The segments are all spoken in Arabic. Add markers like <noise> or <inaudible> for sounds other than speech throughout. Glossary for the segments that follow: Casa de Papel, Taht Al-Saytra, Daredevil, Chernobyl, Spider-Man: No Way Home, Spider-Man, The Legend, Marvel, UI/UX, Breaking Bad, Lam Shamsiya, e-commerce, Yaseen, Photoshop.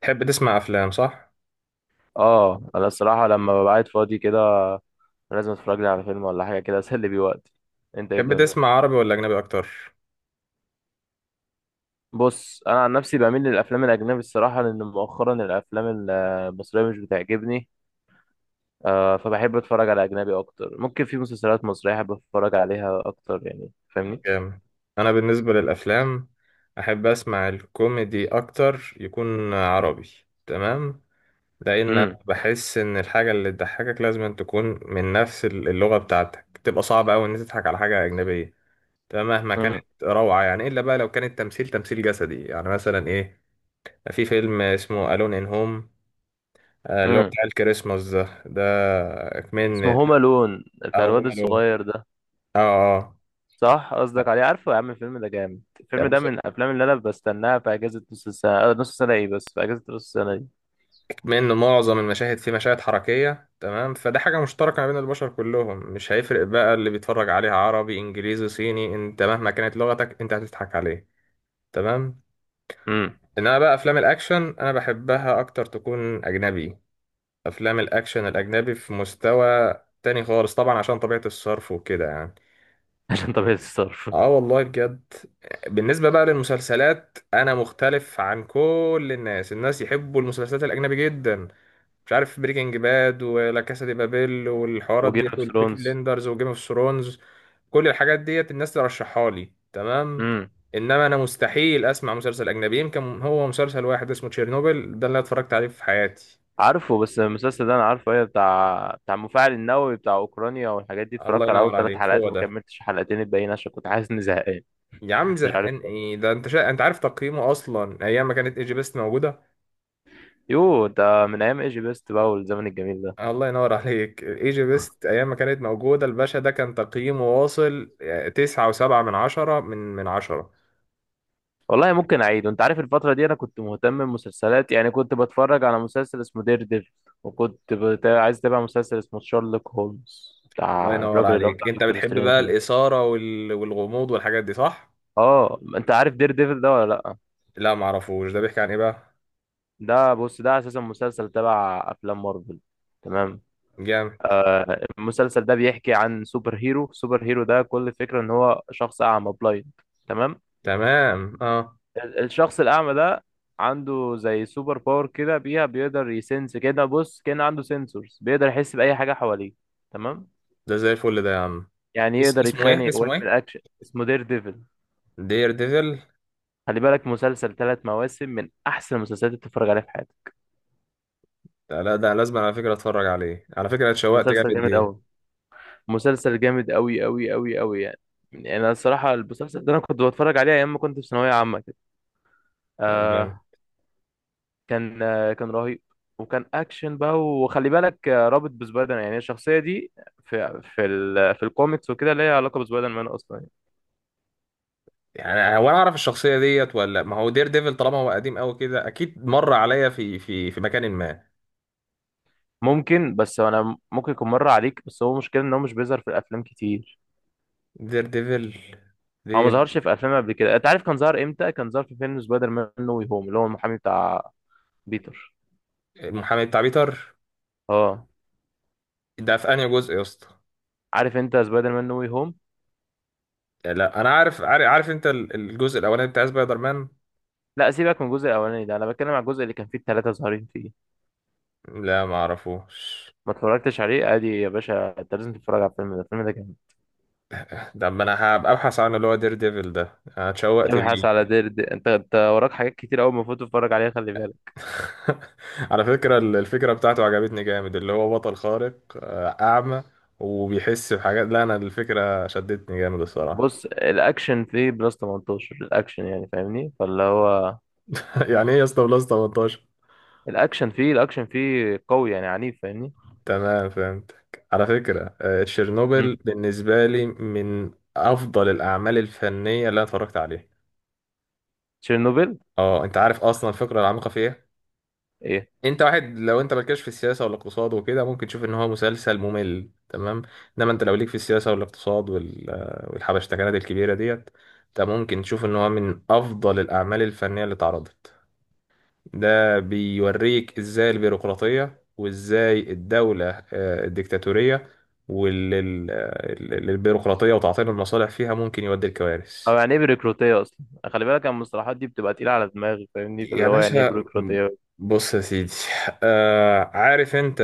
تحب تسمع افلام صح؟ اه انا الصراحه لما ببقى قاعد فاضي كده، لازم اتفرج لي على فيلم ولا حاجه كده اسلي بيه وقتي. انت ايه تحب الدنيا؟ تسمع عربي ولا اجنبي اكتر؟ بص، انا عن نفسي بميل للافلام الاجنبي الصراحه، لان مؤخرا الافلام المصريه مش بتعجبني. فبحب اتفرج على اجنبي اكتر. ممكن في مسلسلات مصريه احب اتفرج عليها اكتر، يعني فاهمني. جامد. انا بالنسبه للافلام احب اسمع الكوميدي اكتر يكون عربي. تمام. لان أنا امم. بحس ان الحاجه اللي تضحكك لازم أن تكون من نفس اللغه بتاعتك، تبقى صعب قوي ان أنت تضحك على حاجه اجنبيه تمام مهما كانت. امم. روعه يعني، الا بقى لو كان التمثيل تمثيل جسدي يعني. مثلا ايه؟ في فيلم اسمه الون ان هوم، اللي هو امم. بتاع الكريسماس ده اسمه كمان. هوم لون بتاع او الواد هوم الون. الصغير ده. اه. اه صح قصدك عليه. عارفه يا عم، الفيلم ده جامد. يا الفيلم ده باشا، من الافلام اللي انا بستناها في اجازه نص السنه. نص السنه ايه؟ بس في اجازه نص السنه دي. بما ان معظم المشاهد فيه مشاهد حركيه، تمام، فده حاجه مشتركه ما بين البشر كلهم، مش هيفرق بقى اللي بيتفرج عليها عربي انجليزي صيني، انت مهما كانت لغتك انت هتضحك عليه. تمام. امم. انما بقى افلام الاكشن انا بحبها اكتر تكون اجنبي. افلام الاكشن الاجنبي في مستوى تاني خالص طبعا، عشان طبيعه الصرف وكده يعني. عشان طبيعة الصرف. اه والله بجد. بالنسبه بقى للمسلسلات، انا مختلف عن كل الناس. الناس يحبوا المسلسلات الاجنبي جدا، مش عارف بريكنج باد ولا كاسا دي بابيل والحوارات وجيم ديت، اوف والبيكي ثرونز. بليندرز وجيم اوف ثرونز، كل الحاجات ديت الناس ترشحها لي. تمام. امم. انما انا مستحيل اسمع مسلسل اجنبي، يمكن هو مسلسل واحد اسمه تشيرنوبل ده اللي أنا اتفرجت عليه في حياتي. عارفه. بس المسلسل ده انا عارفه، ايه بتاع بتاع المفاعل النووي بتاع اوكرانيا والحاجات دي. الله اتفرجت على اول ينور ثلاث عليك، حلقات هو وما ده. كملتش الحلقتين الباقيين عشان كنت حاسس اني زهقان. يا عم مش عارف زهقان ليه. ايه ده؟ انت انت عارف تقييمه اصلا ايام ما كانت ايجي بيست موجوده؟ يو، ده من ايام ايجي بيست بقى والزمن الجميل ده. الله ينور عليك، ايجي بيست ايام ما كانت موجوده، الباشا ده كان تقييمه واصل تسعة وسبعة من عشرة من عشرة. والله ممكن اعيد، وانت عارف الفترة دي انا كنت مهتم بمسلسلات، يعني كنت بتفرج على مسلسل اسمه دير. عايز اتابع مسلسل اسمه شارلوك هولمز الله بتاع ينور الراجل اللي هو عليك. بتاع انت دكتور بتحب بقى سترينج ده. الاثاره والغموض والحاجات دي صح؟ اه انت عارف دير ديفل ده ولا لا؟ لا، معرفوش. ده بيحكي عن ايه بقى؟ ده بص، ده اساسا مسلسل تبع افلام مارفل. تمام. جامد. آه، المسلسل ده بيحكي عن سوبر هيرو. سوبر هيرو ده كل فكرة ان هو شخص اعمى بلايند. تمام. تمام اه. الشخص الاعمى ده عنده زي سوبر باور كده، بيها بيقدر يسنس كده. بص، كان عنده سنسورز بيقدر يحس بأي حاجة حواليه. تمام. ده زي الفل ده يا عم. يعني يقدر اسمه ايه؟ يتخانق ويعمل اكشن. اسمه دير ديفل. دير ديفل خلي بالك، مسلسل ثلاث مواسم، من احسن المسلسلات اللي تتفرج عليها في حياتك. ده؟ لا، ده لازم على فكره اتفرج عليه، على فكره اتشوقت مسلسل جامد جامد قوي. ليه. مسلسل جامد قوي قوي قوي قوي يعني. يعني انا الصراحه المسلسل ده انا كنت بتفرج عليه ايام ما كنت في ثانويه عامه كده. لا جامد. آه. كان آه كان رهيب. وكان اكشن بقى. وخلي بالك رابط بسبايدر مان. يعني الشخصيه دي في الكوميكس وكده ليها علاقه بسبايدر مان اصلا يعني. يعني هو انا اعرف الشخصيه ديت، ولا ما هو دير ديفل طالما هو قديم قوي كده اكيد مر عليا في في مكان ما. ممكن. بس انا ممكن يكون مر عليك، بس هو مشكله ان هو مش بيظهر في الافلام كتير. دير ديفل. هو ما دير. ظهرش في افلام قبل كده. انت عارف كان ظهر امتى؟ كان ظهر في فيلم سبايدر مان نو واي هوم، اللي هو المحامي بتاع بيتر. المحامي بتاع بيتر؟ اه ده في انهي جزء يا اسطى؟ عارف انت سبايدر مان نو واي هوم؟ يعني لا انا عارف. انت الجزء الاولاني بتاع سبايدر مان؟ لا، سيبك من الجزء الاولاني ده، انا بتكلم على الجزء اللي كان فيه الثلاثه ظاهرين فيه. لا، ما اعرفوش. ما اتفرجتش عليه؟ ادي يا باشا، انت لازم تتفرج على الفيلم ده، الفيلم ده جامد. ده ما انا هبقى ابحث عنه، اللي هو دير ديفل ده انا اتشوقت ابحث على ليه. دير دي. انت وراك حاجات كتير قوي المفروض تتفرج عليها، خلي بالك. <laughs> على فكرة الفكرة بتاعته عجبتني جامد، اللي هو بطل خارق اعمى وبيحس بحاجات. لا انا الفكرة شدتني جامد الصراحة. بص، الاكشن فيه بلس 18. الاكشن يعني فاهمني فاللي هو <laughs> يعني ايه يا اسطى بلس 18؟ الاكشن فيه قوي، يعني عنيف، فاهمني. تمام فهمتك. على فكرة تشيرنوبل امم. بالنسبة لي من افضل الاعمال الفنية اللي انا اتفرجت عليها. تشيرنوبل. اه، انت عارف اصلا الفكرة العميقة فيها؟ ايه؟ انت واحد لو انت مالكش في السياسه والاقتصاد وكده، ممكن تشوف ان هو مسلسل ممل تمام. انما انت لو ليك في السياسه والاقتصاد والحبشتكنات الكبيره ديت، انت ممكن تشوف ان هو من افضل الاعمال الفنيه اللي اتعرضت. ده بيوريك ازاي البيروقراطيه، وازاي الدوله الديكتاتوريه والبيروقراطيه وتعطيل المصالح فيها ممكن يودي او لكوارث. يعني ايه بيروقراطيه اصلا؟ خلي بالك أنا المصطلحات دي بتبقى تقيله على دماغي، فاهمني يا فاللي هو يعني ايه باشا، بيروقراطيه. بص يا سيدي. آه، عارف انت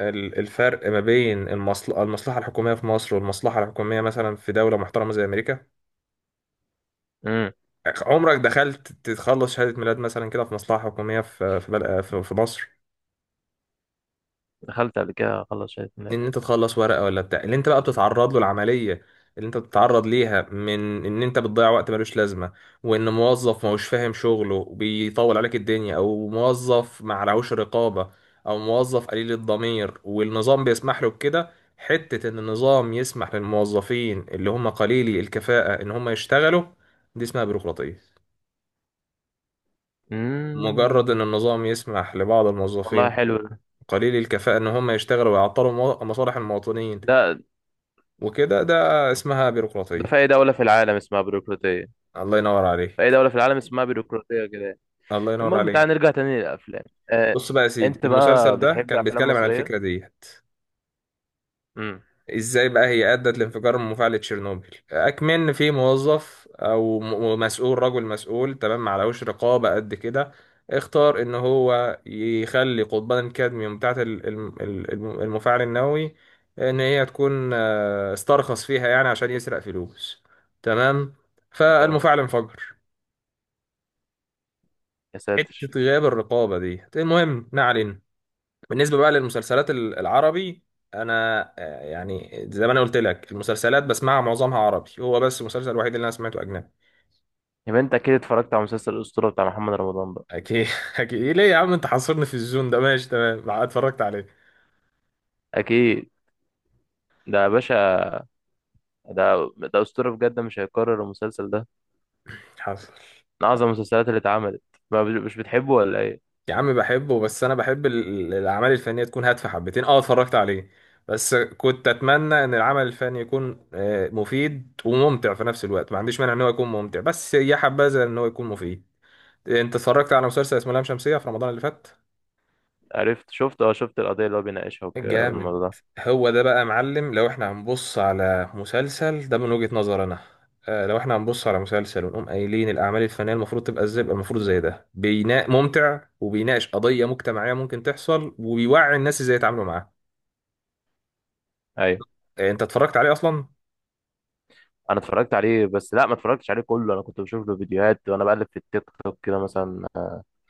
الفرق ما بين المصلحة الحكومية في مصر والمصلحة الحكومية مثلا في دولة محترمة زي أمريكا؟ امم. عمرك دخلت تخلص شهادة ميلاد مثلا كده في مصلحة حكومية في في, بل... في في مصر؟ دخلت قبل كده خلص شهادة ميلاد. ان انت تخلص ورقه، ولا بتاع، اللي انت بقى بتتعرض له العمليه اللي انت بتتعرض ليها، من ان انت بتضيع وقت ملوش لازمه، وان موظف ما هوش فاهم شغله وبيطول عليك الدنيا، او موظف ما عليهوش رقابه، او موظف قليل الضمير والنظام بيسمح له بكده، حته ان النظام يسمح للموظفين اللي هم قليلي الكفاءه ان هم يشتغلوا، دي اسمها بيروقراطيه. مجرد امم. ان النظام يسمح لبعض والله الموظفين حلو. قليلي الكفاءة إن هم يشتغلوا ويعطلوا مصالح المواطنين ده وكده، ده اسمها ده في بيروقراطية. اي دولة في العالم اسمها بيروقراطية. الله ينور في اي عليك. دولة في العالم اسمها بيروقراطية كده يعني. الله ينور المهم تعال عليك. نرجع تاني للافلام. آه، بص بقى يا سيدي، انت بقى المسلسل ده بتحب كان افلام بيتكلم عن مصرية؟ الفكرة دي، امم. ازاي بقى هي أدت لانفجار مفاعل تشيرنوبل. أكمن في موظف أو مسؤول، رجل مسؤول تمام معلهوش رقابة قد كده، اختار ان هو يخلي قضبان الكادميوم بتاعت المفاعل النووي ان هي تكون استرخص فيها يعني، عشان يسرق فلوس. تمام. اه. فالمفاعل انفجر. يا ساتر. حتة غياب الرقابة دي. المهم ما علينا. بالنسبة بقى للمسلسلات العربي، أنا يعني زي ما أنا قلت لك، المسلسلات بسمعها معظمها عربي، هو بس المسلسل الوحيد اللي أنا سمعته أجنبي. يبقى انت اكيد اتفرجت على مسلسل الاسطورة بتاع محمد رمضان بقى؟ أكيد. <laughs> أكيد إيه ليه يا عم؟ أنت حاصرني في الزون ده، ماشي، تمام اتفرجت عليه. اكيد. ده يا باشا، ده اسطورة بجد مش هيتكرر المسلسل ده. حاصر. من اعظم المسلسلات اللي اتعملت. ما بت- مش بتحبه ولا ايه؟ يا عم بحبه، بس أنا بحب الأعمال الفنية تكون هادفة حبتين. أه اتفرجت عليه، بس كنت أتمنى إن العمل الفني يكون مفيد وممتع في نفس الوقت. ما عنديش مانع إن هو يكون ممتع، بس يا حبذا إن هو يكون مفيد. انت اتفرجت على مسلسل اسمه لام شمسية في رمضان اللي فات؟ عرفت. شفت القضية اللي هو بيناقشها جامد. والموضوع ده. هو ده بقى يا معلم. لو احنا هنبص على مسلسل ده من وجهة نظر انا لو احنا هنبص على مسلسل ونقوم قايلين الاعمال الفنية المفروض تبقى ازاي، يبقى المفروض زي ده، بيناء ممتع وبيناقش قضية مجتمعية ممكن تحصل وبيوعي الناس ازاي يتعاملوا معاها. ايوه. انت اتفرجت عليه اصلا؟ انا اتفرجت عليه، بس لا ما اتفرجتش عليه كله. انا كنت بشوف له فيديوهات وانا بقلب في التيك توك كده مثلا.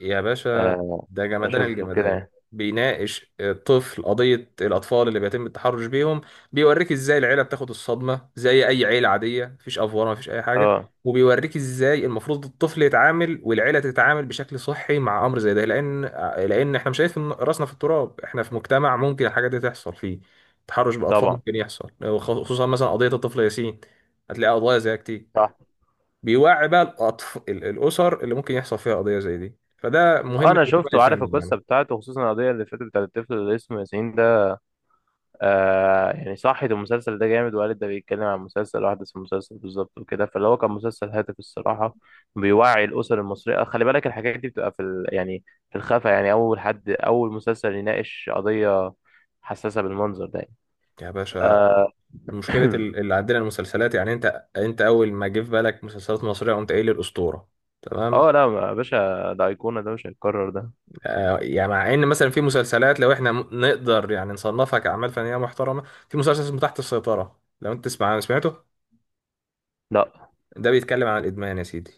يا باشا آه، ده جمدان اشوف له كده الجمدان. يعني. بيناقش الطفل قضية الأطفال اللي بيتم التحرش بيهم. بيوريك إزاي العيلة بتاخد الصدمة زي أي عيلة عادية، مفيش أفوار مفيش أي حاجة. اه وبيوريك إزاي المفروض الطفل يتعامل والعيلة تتعامل بشكل صحي مع أمر زي ده، لأن إحنا مش شايفين راسنا في التراب، إحنا في مجتمع ممكن الحاجات دي تحصل فيه. تحرش بالأطفال طبعا ممكن يحصل، وخصوصا مثلا قضية الطفل ياسين، هتلاقي قضايا زيها كتير. صح. بيوعي بقى الأسر اللي ممكن يحصل فيها قضية زي دي، فده مهمة انا العمل شفته وعارف الفني القصه يعني. بتاعته، خصوصا القضيه اللي فاتت بتاعت الطفل اللي اسمه ياسين ده. آه يعني صحت المسلسل ده جامد وقالت، ده بيتكلم عن مسلسل واحدث المسلسل بالظبط وكده، فاللي هو كان مسلسل هادف الصراحه. بيوعي الاسر المصريه. خلي بالك الحاجات دي بتبقى في يعني في الخفا. يعني اول حد اول مسلسل يناقش قضيه حساسه بالمنظر ده يعني. يا باشا، آه. مشكلة <clears throat> اللي عندنا المسلسلات يعني، أنت أول ما جه في بالك مسلسلات مصرية قمت قايل الأسطورة. تمام. اه لا يا باشا، ده ايقونه، ده مش هيتكرر ده. آه يعني، مع إن مثلا في مسلسلات لو إحنا نقدر يعني نصنفها كأعمال فنية محترمة. في مسلسل اسمه تحت السيطرة، لو أنت تسمع سمعته؟ لا ده بيتكلم عن الإدمان يا سيدي.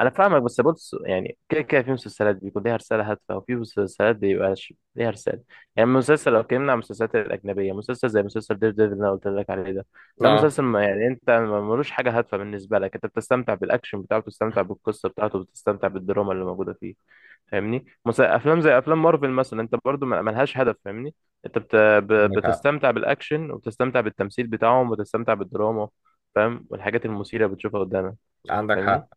انا فاهمك، بس بص يعني كده كده في مسلسلات بيكون ليها رساله هادفه وفي مسلسلات بيبقاش ليها رساله. يعني مسلسل لو اتكلمنا عن المسلسلات الاجنبيه، مسلسل زي مسلسل دير ديفل اللي انا قلت لك عليه ده، ده اه مسلسل ما يعني انت ملوش حاجه هادفه بالنسبه لك. انت بتستمتع بالاكشن بتاعه، بتستمتع بالقصه بتاعته، بتستمتع بالدراما اللي موجوده فيه. فاهمني. افلام زي افلام مارفل مثلا انت برضو ملهاش هدف، فاهمني. انت عندك حق. بتستمتع بالاكشن وبتستمتع بالتمثيل بتاعهم وبتستمتع بالدراما. فاهم؟ والحاجات المثيره بتشوفها قدامك. عندك فاهمني. حق.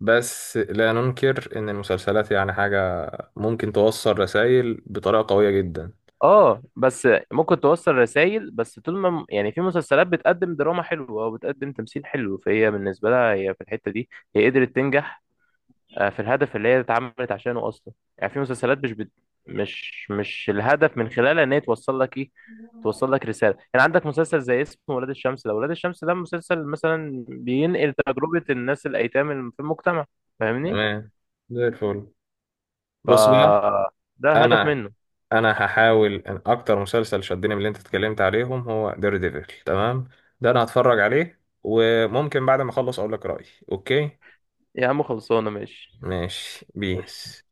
بس لا ننكر إن المسلسلات يعني حاجة ممكن توصل رسائل بطريقة قوية جدا. اه، بس ممكن توصل رسائل، بس طول ما يعني في مسلسلات بتقدم دراما حلوة او بتقدم تمثيل حلو، فهي بالنسبة لها هي في الحتة دي هي قدرت تنجح في الهدف اللي هي اتعملت عشانه اصلا. يعني في مسلسلات مش الهدف من خلالها ان هي توصل لك ايه. توصل لك رسالة. يعني عندك مسلسل زي اسمه ولاد الشمس ده. ولاد الشمس ده مسلسل مثلا بينقل تجربة الناس الايتام اللي في المجتمع، فاهمني. تمام. زي الفل. ف بص بقى، ده الهدف أنا منه. أنا هحاول إن أكتر مسلسل شدني من اللي أنت اتكلمت عليهم هو دير ديفل. تمام. ده أنا هتفرج عليه، وممكن بعد ما أخلص أقول لك رأيي. أوكي. يا عم خلصانة، ماشي. ماشي بيس.